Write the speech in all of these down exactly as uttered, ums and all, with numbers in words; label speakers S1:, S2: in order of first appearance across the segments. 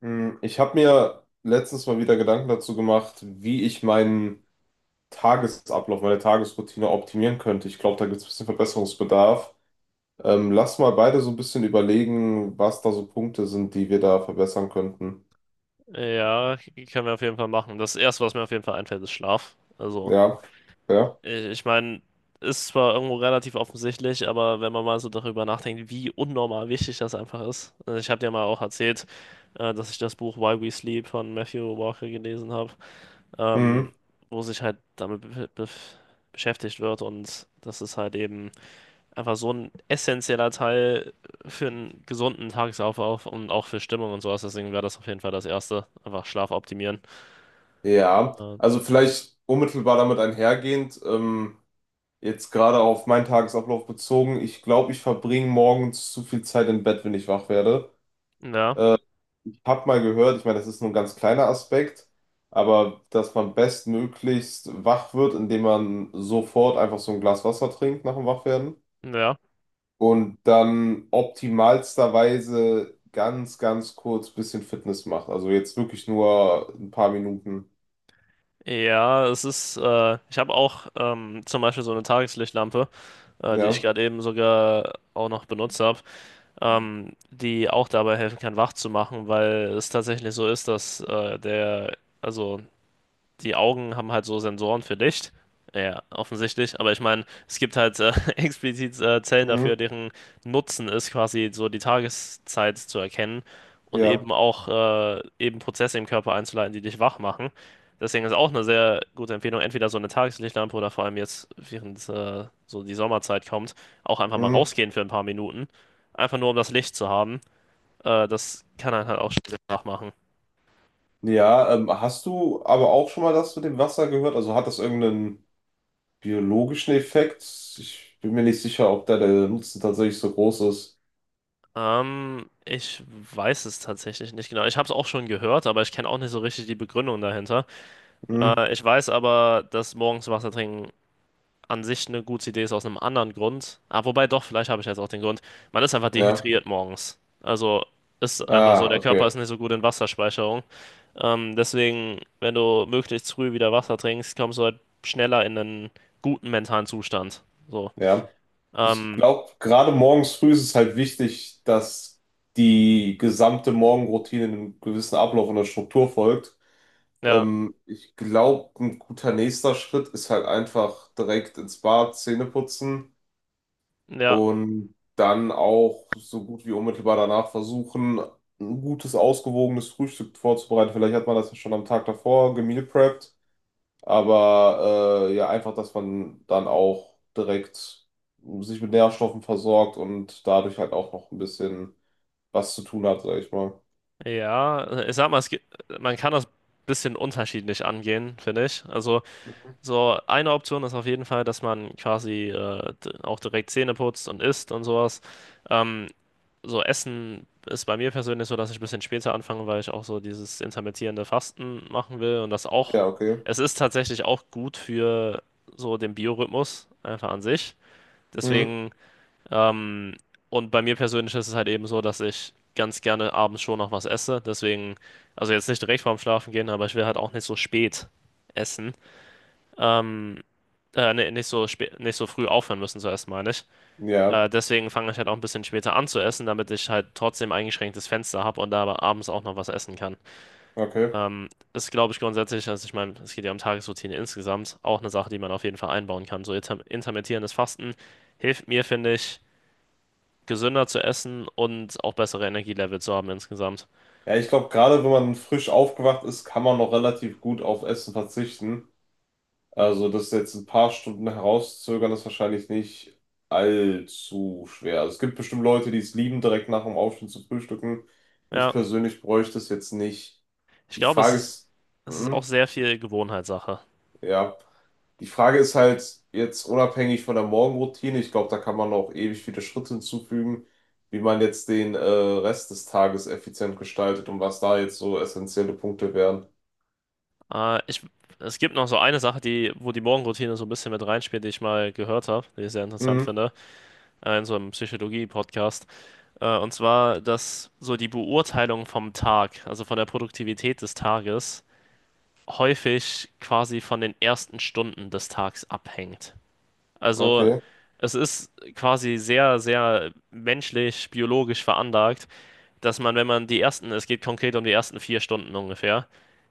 S1: Mm, Ich habe mir letztens mal wieder Gedanken dazu gemacht, wie ich meinen Tagesablauf, meine Tagesroutine optimieren könnte. Ich glaube, da gibt es ein bisschen Verbesserungsbedarf. Ähm, lass mal beide so ein bisschen überlegen, was da so Punkte sind, die wir da verbessern könnten.
S2: Ja, können wir auf jeden Fall machen. Das Erste, was mir auf jeden Fall einfällt, ist Schlaf. Also,
S1: Ja, ja.
S2: ich, ich meine, ist zwar irgendwo relativ offensichtlich, aber wenn man mal so darüber nachdenkt, wie unnormal wichtig das einfach ist. Also ich habe dir mal auch erzählt, äh, dass ich das Buch Why We Sleep von Matthew Walker gelesen habe, ähm,
S1: Mhm.
S2: wo sich halt damit be be beschäftigt wird, und das ist halt eben einfach so ein essentieller Teil für einen gesunden Tagesablauf und auch für Stimmung und sowas. Deswegen wäre das auf jeden Fall das Erste, einfach Schlaf optimieren.
S1: Ja,
S2: Ja,
S1: also vielleicht unmittelbar damit einhergehend, ähm, jetzt gerade auf meinen Tagesablauf bezogen, ich glaube, ich verbringe morgens zu viel Zeit im Bett, wenn ich wach werde.
S2: ja,
S1: Hab mal gehört, ich meine, das ist nur ein ganz kleiner Aspekt, aber dass man bestmöglichst wach wird, indem man sofort einfach so ein Glas Wasser trinkt nach dem Wachwerden
S2: ja.
S1: und dann optimalsterweise ganz, ganz kurz bisschen Fitness macht. Also jetzt wirklich nur ein paar Minuten.
S2: Ja, es ist, äh, ich habe auch ähm, zum Beispiel so eine Tageslichtlampe, äh, die ich
S1: Ja.
S2: gerade eben sogar auch noch benutzt habe, ähm, die auch dabei helfen kann, wach zu machen, weil es tatsächlich so ist, dass äh, der, also die Augen haben halt so Sensoren für Licht. Ja, offensichtlich. Aber ich meine, es gibt halt äh, explizit äh, Zellen
S1: Mhm.
S2: dafür, deren Nutzen ist, quasi so die Tageszeit zu erkennen und
S1: Ja.
S2: eben auch äh, eben Prozesse im Körper einzuleiten, die dich wach machen. Deswegen ist auch eine sehr gute Empfehlung, entweder so eine Tageslichtlampe oder, vor allem jetzt, während äh, so die Sommerzeit kommt, auch einfach mal
S1: Mhm.
S2: rausgehen für ein paar Minuten. Einfach nur, um das Licht zu haben. Äh, das kann einen halt auch schnell wach machen.
S1: Ja, ähm, hast du aber auch schon mal das mit dem Wasser gehört? Also hat das irgendeinen biologischen Effekt? Ich bin mir nicht sicher, ob da der Nutzen tatsächlich so groß ist.
S2: Ähm, ich weiß es tatsächlich nicht genau. Ich habe es auch schon gehört, aber ich kenne auch nicht so richtig die Begründung dahinter.
S1: Mhm.
S2: Äh, ich weiß aber, dass morgens Wasser trinken an sich eine gute Idee ist aus einem anderen Grund. Ah, wobei doch, vielleicht habe ich jetzt auch den Grund. Man ist einfach
S1: Ja.
S2: dehydriert morgens. Also ist einfach so,
S1: Ah,
S2: der Körper
S1: okay.
S2: ist nicht so gut in Wasserspeicherung. Ähm, deswegen, wenn du möglichst früh wieder Wasser trinkst, kommst du halt schneller in einen guten mentalen Zustand. So.
S1: Ja. Ich
S2: Ähm,
S1: glaube, gerade morgens früh ist es halt wichtig, dass die gesamte Morgenroutine einem gewissen Ablauf und einer Struktur folgt.
S2: ja,
S1: Ähm, ich glaube, ein guter nächster Schritt ist halt einfach direkt ins Bad, Zähne putzen
S2: ja.
S1: und dann auch so gut wie unmittelbar danach versuchen, ein gutes, ausgewogenes Frühstück vorzubereiten. Vielleicht hat man das ja schon am Tag davor gemeal prepped. Aber äh, ja, einfach, dass man dann auch direkt sich mit Nährstoffen versorgt und dadurch halt auch noch ein bisschen was zu tun hat, sag ich mal.
S2: Ja, ich sag mal, es gibt, man kann das bisschen unterschiedlich angehen, finde ich. Also, so eine Option ist auf jeden Fall, dass man quasi äh, d- auch direkt Zähne putzt und isst und sowas. Ähm, so Essen ist bei mir persönlich so, dass ich ein bisschen später anfange, weil ich auch so dieses intermittierende Fasten machen will, und das auch,
S1: Ja, okay.
S2: es ist tatsächlich auch gut für so den Biorhythmus einfach an sich.
S1: Mhm.
S2: Deswegen. Ähm, und bei mir persönlich ist es halt eben so, dass ich ganz gerne abends schon noch was esse. Deswegen, also jetzt nicht direkt vorm Schlafen gehen, aber ich will halt auch nicht so spät essen. Ähm, äh, nee, nicht so spät, nicht so früh aufhören müssen zu essen, meine ich.
S1: Ja,
S2: Äh, deswegen fange ich halt auch ein bisschen später an zu essen, damit ich halt trotzdem eingeschränktes Fenster habe und da aber abends auch noch was essen kann.
S1: okay.
S2: Ähm, ist, glaube ich, grundsätzlich, also ich meine, es geht ja um Tagesroutine insgesamt, auch eine Sache, die man auf jeden Fall einbauen kann. So inter intermittierendes Fasten hilft mir, finde ich, gesünder zu essen und auch bessere Energielevel zu haben insgesamt.
S1: Ja, ich glaube, gerade wenn man frisch aufgewacht ist, kann man noch relativ gut auf Essen verzichten. Also das jetzt ein paar Stunden herauszögern, ist wahrscheinlich nicht allzu schwer. Also, es gibt bestimmt Leute, die es lieben, direkt nach dem Aufstehen zu frühstücken. Ich
S2: Ja,
S1: persönlich bräuchte es jetzt nicht.
S2: ich
S1: Die
S2: glaube, es
S1: Frage
S2: ist,
S1: ist,
S2: es ist auch
S1: Mhm.
S2: sehr viel Gewohnheitssache.
S1: Ja, die Frage ist halt jetzt unabhängig von der Morgenroutine, ich glaube, da kann man auch ewig viele Schritte hinzufügen, wie man jetzt den äh, Rest des Tages effizient gestaltet und was da jetzt so essentielle Punkte wären.
S2: Äh, ich, es gibt noch so eine Sache, die, wo die Morgenroutine so ein bisschen mit reinspielt, die ich mal gehört habe, die ich sehr interessant
S1: Mhm,
S2: finde, äh, in so einem Psychologie-Podcast. Äh, und zwar, dass so die Beurteilung vom Tag, also von der Produktivität des Tages, häufig quasi von den ersten Stunden des Tags abhängt. Also
S1: okay,
S2: es ist quasi sehr, sehr menschlich, biologisch veranlagt, dass man, wenn man die ersten, es geht konkret um die ersten vier Stunden ungefähr,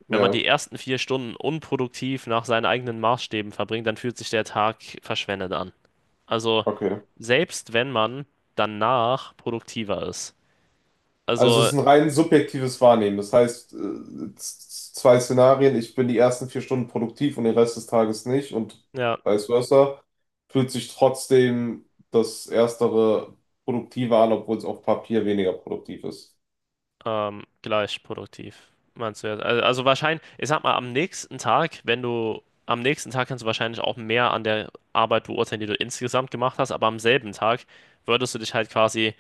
S2: wenn man
S1: ja,
S2: die ersten vier Stunden unproduktiv nach seinen eigenen Maßstäben verbringt, dann fühlt sich der Tag verschwendet an. Also
S1: okay.
S2: selbst wenn man danach produktiver ist.
S1: Also es
S2: Also
S1: ist ein rein subjektives Wahrnehmen. Das heißt, äh, z- z- zwei Szenarien, ich bin die ersten vier Stunden produktiv und den Rest des Tages nicht und
S2: ja.
S1: vice versa, fühlt sich trotzdem das Erstere produktiver an, obwohl es auf Papier weniger produktiv ist.
S2: Ähm, gleich produktiv, meinst du jetzt? Also, also wahrscheinlich, ich sag mal, am nächsten Tag, wenn du, am nächsten Tag kannst du wahrscheinlich auch mehr an der Arbeit beurteilen, die du insgesamt gemacht hast, aber am selben Tag würdest du dich halt quasi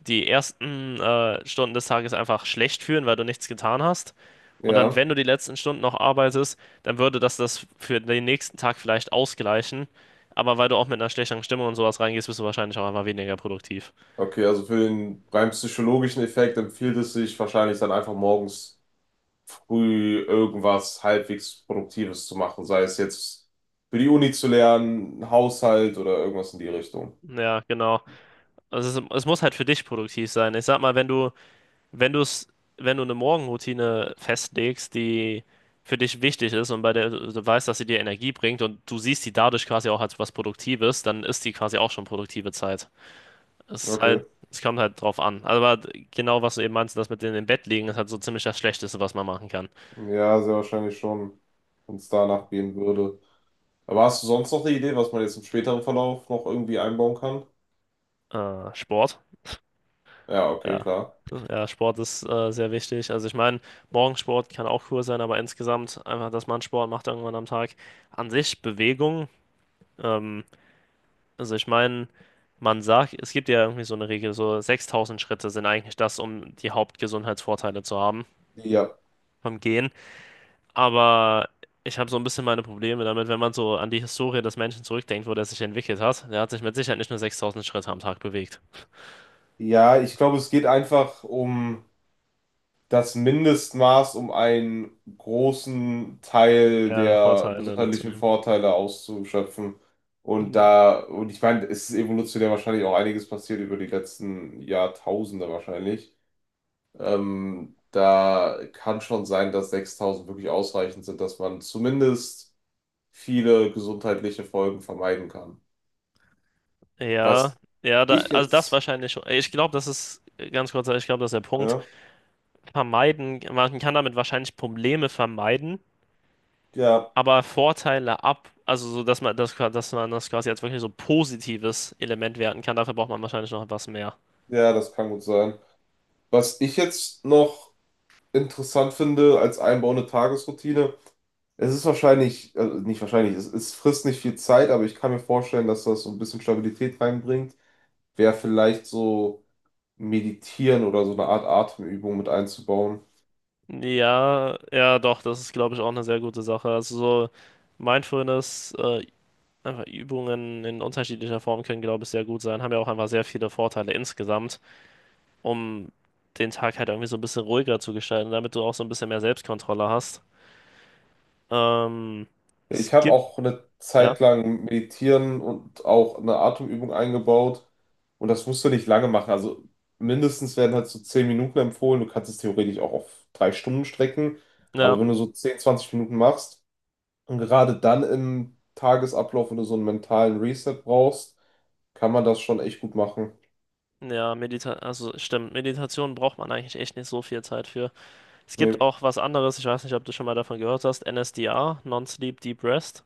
S2: die ersten äh, Stunden des Tages einfach schlecht fühlen, weil du nichts getan hast. Und dann,
S1: Ja,
S2: wenn du die letzten Stunden noch arbeitest, dann würde das das für den nächsten Tag vielleicht ausgleichen. Aber weil du auch mit einer schlechteren Stimmung und sowas reingehst, bist du wahrscheinlich auch einfach weniger produktiv.
S1: okay, also für den rein psychologischen Effekt empfiehlt es sich wahrscheinlich dann einfach morgens früh irgendwas halbwegs Produktives zu machen, sei es jetzt für die Uni zu lernen, Haushalt oder irgendwas in die Richtung.
S2: Ja, genau. Also es, es muss halt für dich produktiv sein. Ich sag mal, wenn du, wenn du es, wenn du eine Morgenroutine festlegst, die für dich wichtig ist und bei der du du weißt, dass sie dir Energie bringt, und du siehst die dadurch quasi auch als was Produktives, dann ist die quasi auch schon produktive Zeit. Es ist
S1: Okay,
S2: halt, es kommt halt drauf an. Also, aber genau, was du eben meinst, das mit in dem Bett liegen, ist halt so ziemlich das Schlechteste, was man machen kann.
S1: ja, sehr wahrscheinlich schon, wenn es danach gehen würde. Aber hast du sonst noch eine Idee, was man jetzt im späteren Verlauf noch irgendwie einbauen kann?
S2: Äh, Sport.
S1: Ja, okay,
S2: Ja,
S1: klar.
S2: ja, Sport ist äh, sehr wichtig. Also ich meine, Morgensport kann auch cool sein, aber insgesamt einfach, dass man Sport macht irgendwann am Tag. An sich Bewegung. Ähm, also ich meine, man sagt, es gibt ja irgendwie so eine Regel, so sechstausend Schritte sind eigentlich das, um die Hauptgesundheitsvorteile zu haben
S1: Ja,
S2: vom Gehen. Aber ich habe so ein bisschen meine Probleme damit, wenn man so an die Historie des Menschen zurückdenkt, wo der sich entwickelt hat. Der hat sich mit Sicherheit nicht nur sechstausend Schritte am Tag bewegt.
S1: ja, ich glaube, es geht einfach um das Mindestmaß, um einen großen Teil
S2: Der
S1: der
S2: Vorteile
S1: gesundheitlichen
S2: mitzunehmen.
S1: Vorteile auszuschöpfen. Und da, und ich meine, es ist evolutionär wahrscheinlich auch einiges passiert über die letzten Jahrtausende wahrscheinlich. Ähm, da kann schon sein, dass sechstausend wirklich ausreichend sind, dass man zumindest viele gesundheitliche Folgen vermeiden kann.
S2: Ja,
S1: Was
S2: ja, da,
S1: ich
S2: also das
S1: jetzt,
S2: wahrscheinlich schon. Ich glaube, das ist äh, ganz kurz, ich glaube, das ist der Punkt.
S1: ja,
S2: Vermeiden, man kann damit wahrscheinlich Probleme vermeiden,
S1: ja,
S2: aber Vorteile ab, also so, dass man das, dass man das quasi als wirklich so positives Element werten kann, dafür braucht man wahrscheinlich noch etwas mehr.
S1: ja, das kann gut sein. Was ich jetzt noch interessant finde als einbauende Tagesroutine. Es ist wahrscheinlich, äh, nicht wahrscheinlich, es, es frisst nicht viel Zeit, aber ich kann mir vorstellen, dass das so ein bisschen Stabilität reinbringt. Wäre vielleicht so meditieren oder so eine Art Atemübung mit einzubauen.
S2: Ja, ja, doch, das ist, glaube ich, auch eine sehr gute Sache. Also so Mindfulness, äh, einfach Übungen in unterschiedlicher Form können, glaube ich, sehr gut sein, haben ja auch einfach sehr viele Vorteile insgesamt. Um den Tag halt irgendwie so ein bisschen ruhiger zu gestalten, damit du auch so ein bisschen mehr Selbstkontrolle hast. Ähm, es
S1: Ich habe
S2: gibt,
S1: auch eine
S2: ja,
S1: Zeit lang meditieren und auch eine Atemübung eingebaut. Und das musst du nicht lange machen. Also mindestens werden halt so zehn Minuten empfohlen. Du kannst es theoretisch auch auf drei Stunden strecken.
S2: ja,
S1: Aber wenn du so zehn, zwanzig Minuten machst, und gerade dann im Tagesablauf, wenn du so einen mentalen Reset brauchst, kann man das schon echt gut machen.
S2: ja, Medita also stimmt, Meditation braucht man eigentlich echt nicht so viel Zeit für. Es gibt
S1: Nee,
S2: auch was anderes, ich weiß nicht, ob du schon mal davon gehört hast, N S D R, Non-Sleep Deep Rest.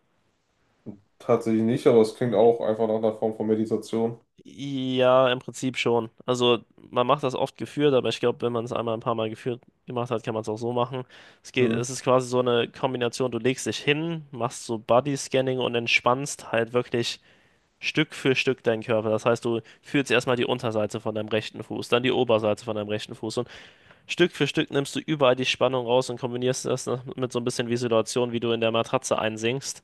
S1: tatsächlich nicht, aber es klingt auch einfach nach einer Form von Meditation.
S2: Ja, im Prinzip schon. Also man macht das oft geführt, aber ich glaube, wenn man es einmal ein paar Mal geführt gemacht hat, kann man es auch so machen. Es geht,
S1: Hm.
S2: es ist quasi so eine Kombination, du legst dich hin, machst so Body-Scanning und entspannst halt wirklich Stück für Stück deinen Körper. Das heißt, du fühlst erstmal die Unterseite von deinem rechten Fuß, dann die Oberseite von deinem rechten Fuß, und Stück für Stück nimmst du überall die Spannung raus und kombinierst das noch mit so ein bisschen Visualisation, wie du in der Matratze einsinkst.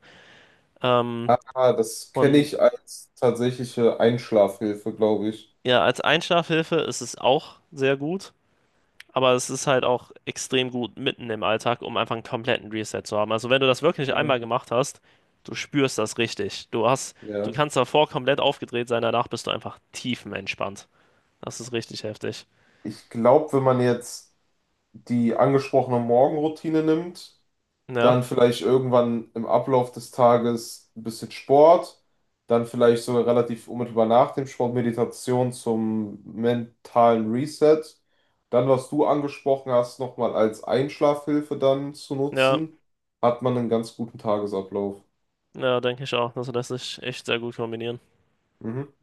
S2: Ähm,
S1: Ah, das kenne
S2: und
S1: ich als tatsächliche Einschlafhilfe, glaube ich.
S2: ja, als Einschlafhilfe ist es auch sehr gut. Aber es ist halt auch extrem gut mitten im Alltag, um einfach einen kompletten Reset zu haben. Also wenn du das wirklich
S1: Mhm.
S2: einmal gemacht hast, du spürst das richtig. Du hast, du
S1: Ja.
S2: kannst davor komplett aufgedreht sein, danach bist du einfach tiefenentspannt. Das ist richtig heftig.
S1: Ich glaube, wenn man jetzt die angesprochene Morgenroutine nimmt,
S2: Ja,
S1: dann vielleicht irgendwann im Ablauf des Tages ein bisschen Sport, dann vielleicht sogar relativ unmittelbar nach dem Sport Meditation zum mentalen Reset, dann was du angesprochen hast, nochmal als Einschlafhilfe dann zu
S2: ja,
S1: nutzen, hat man einen ganz guten Tagesablauf.
S2: ja, denke ich auch. Also lässt sich echt sehr gut kombinieren.
S1: Mhm.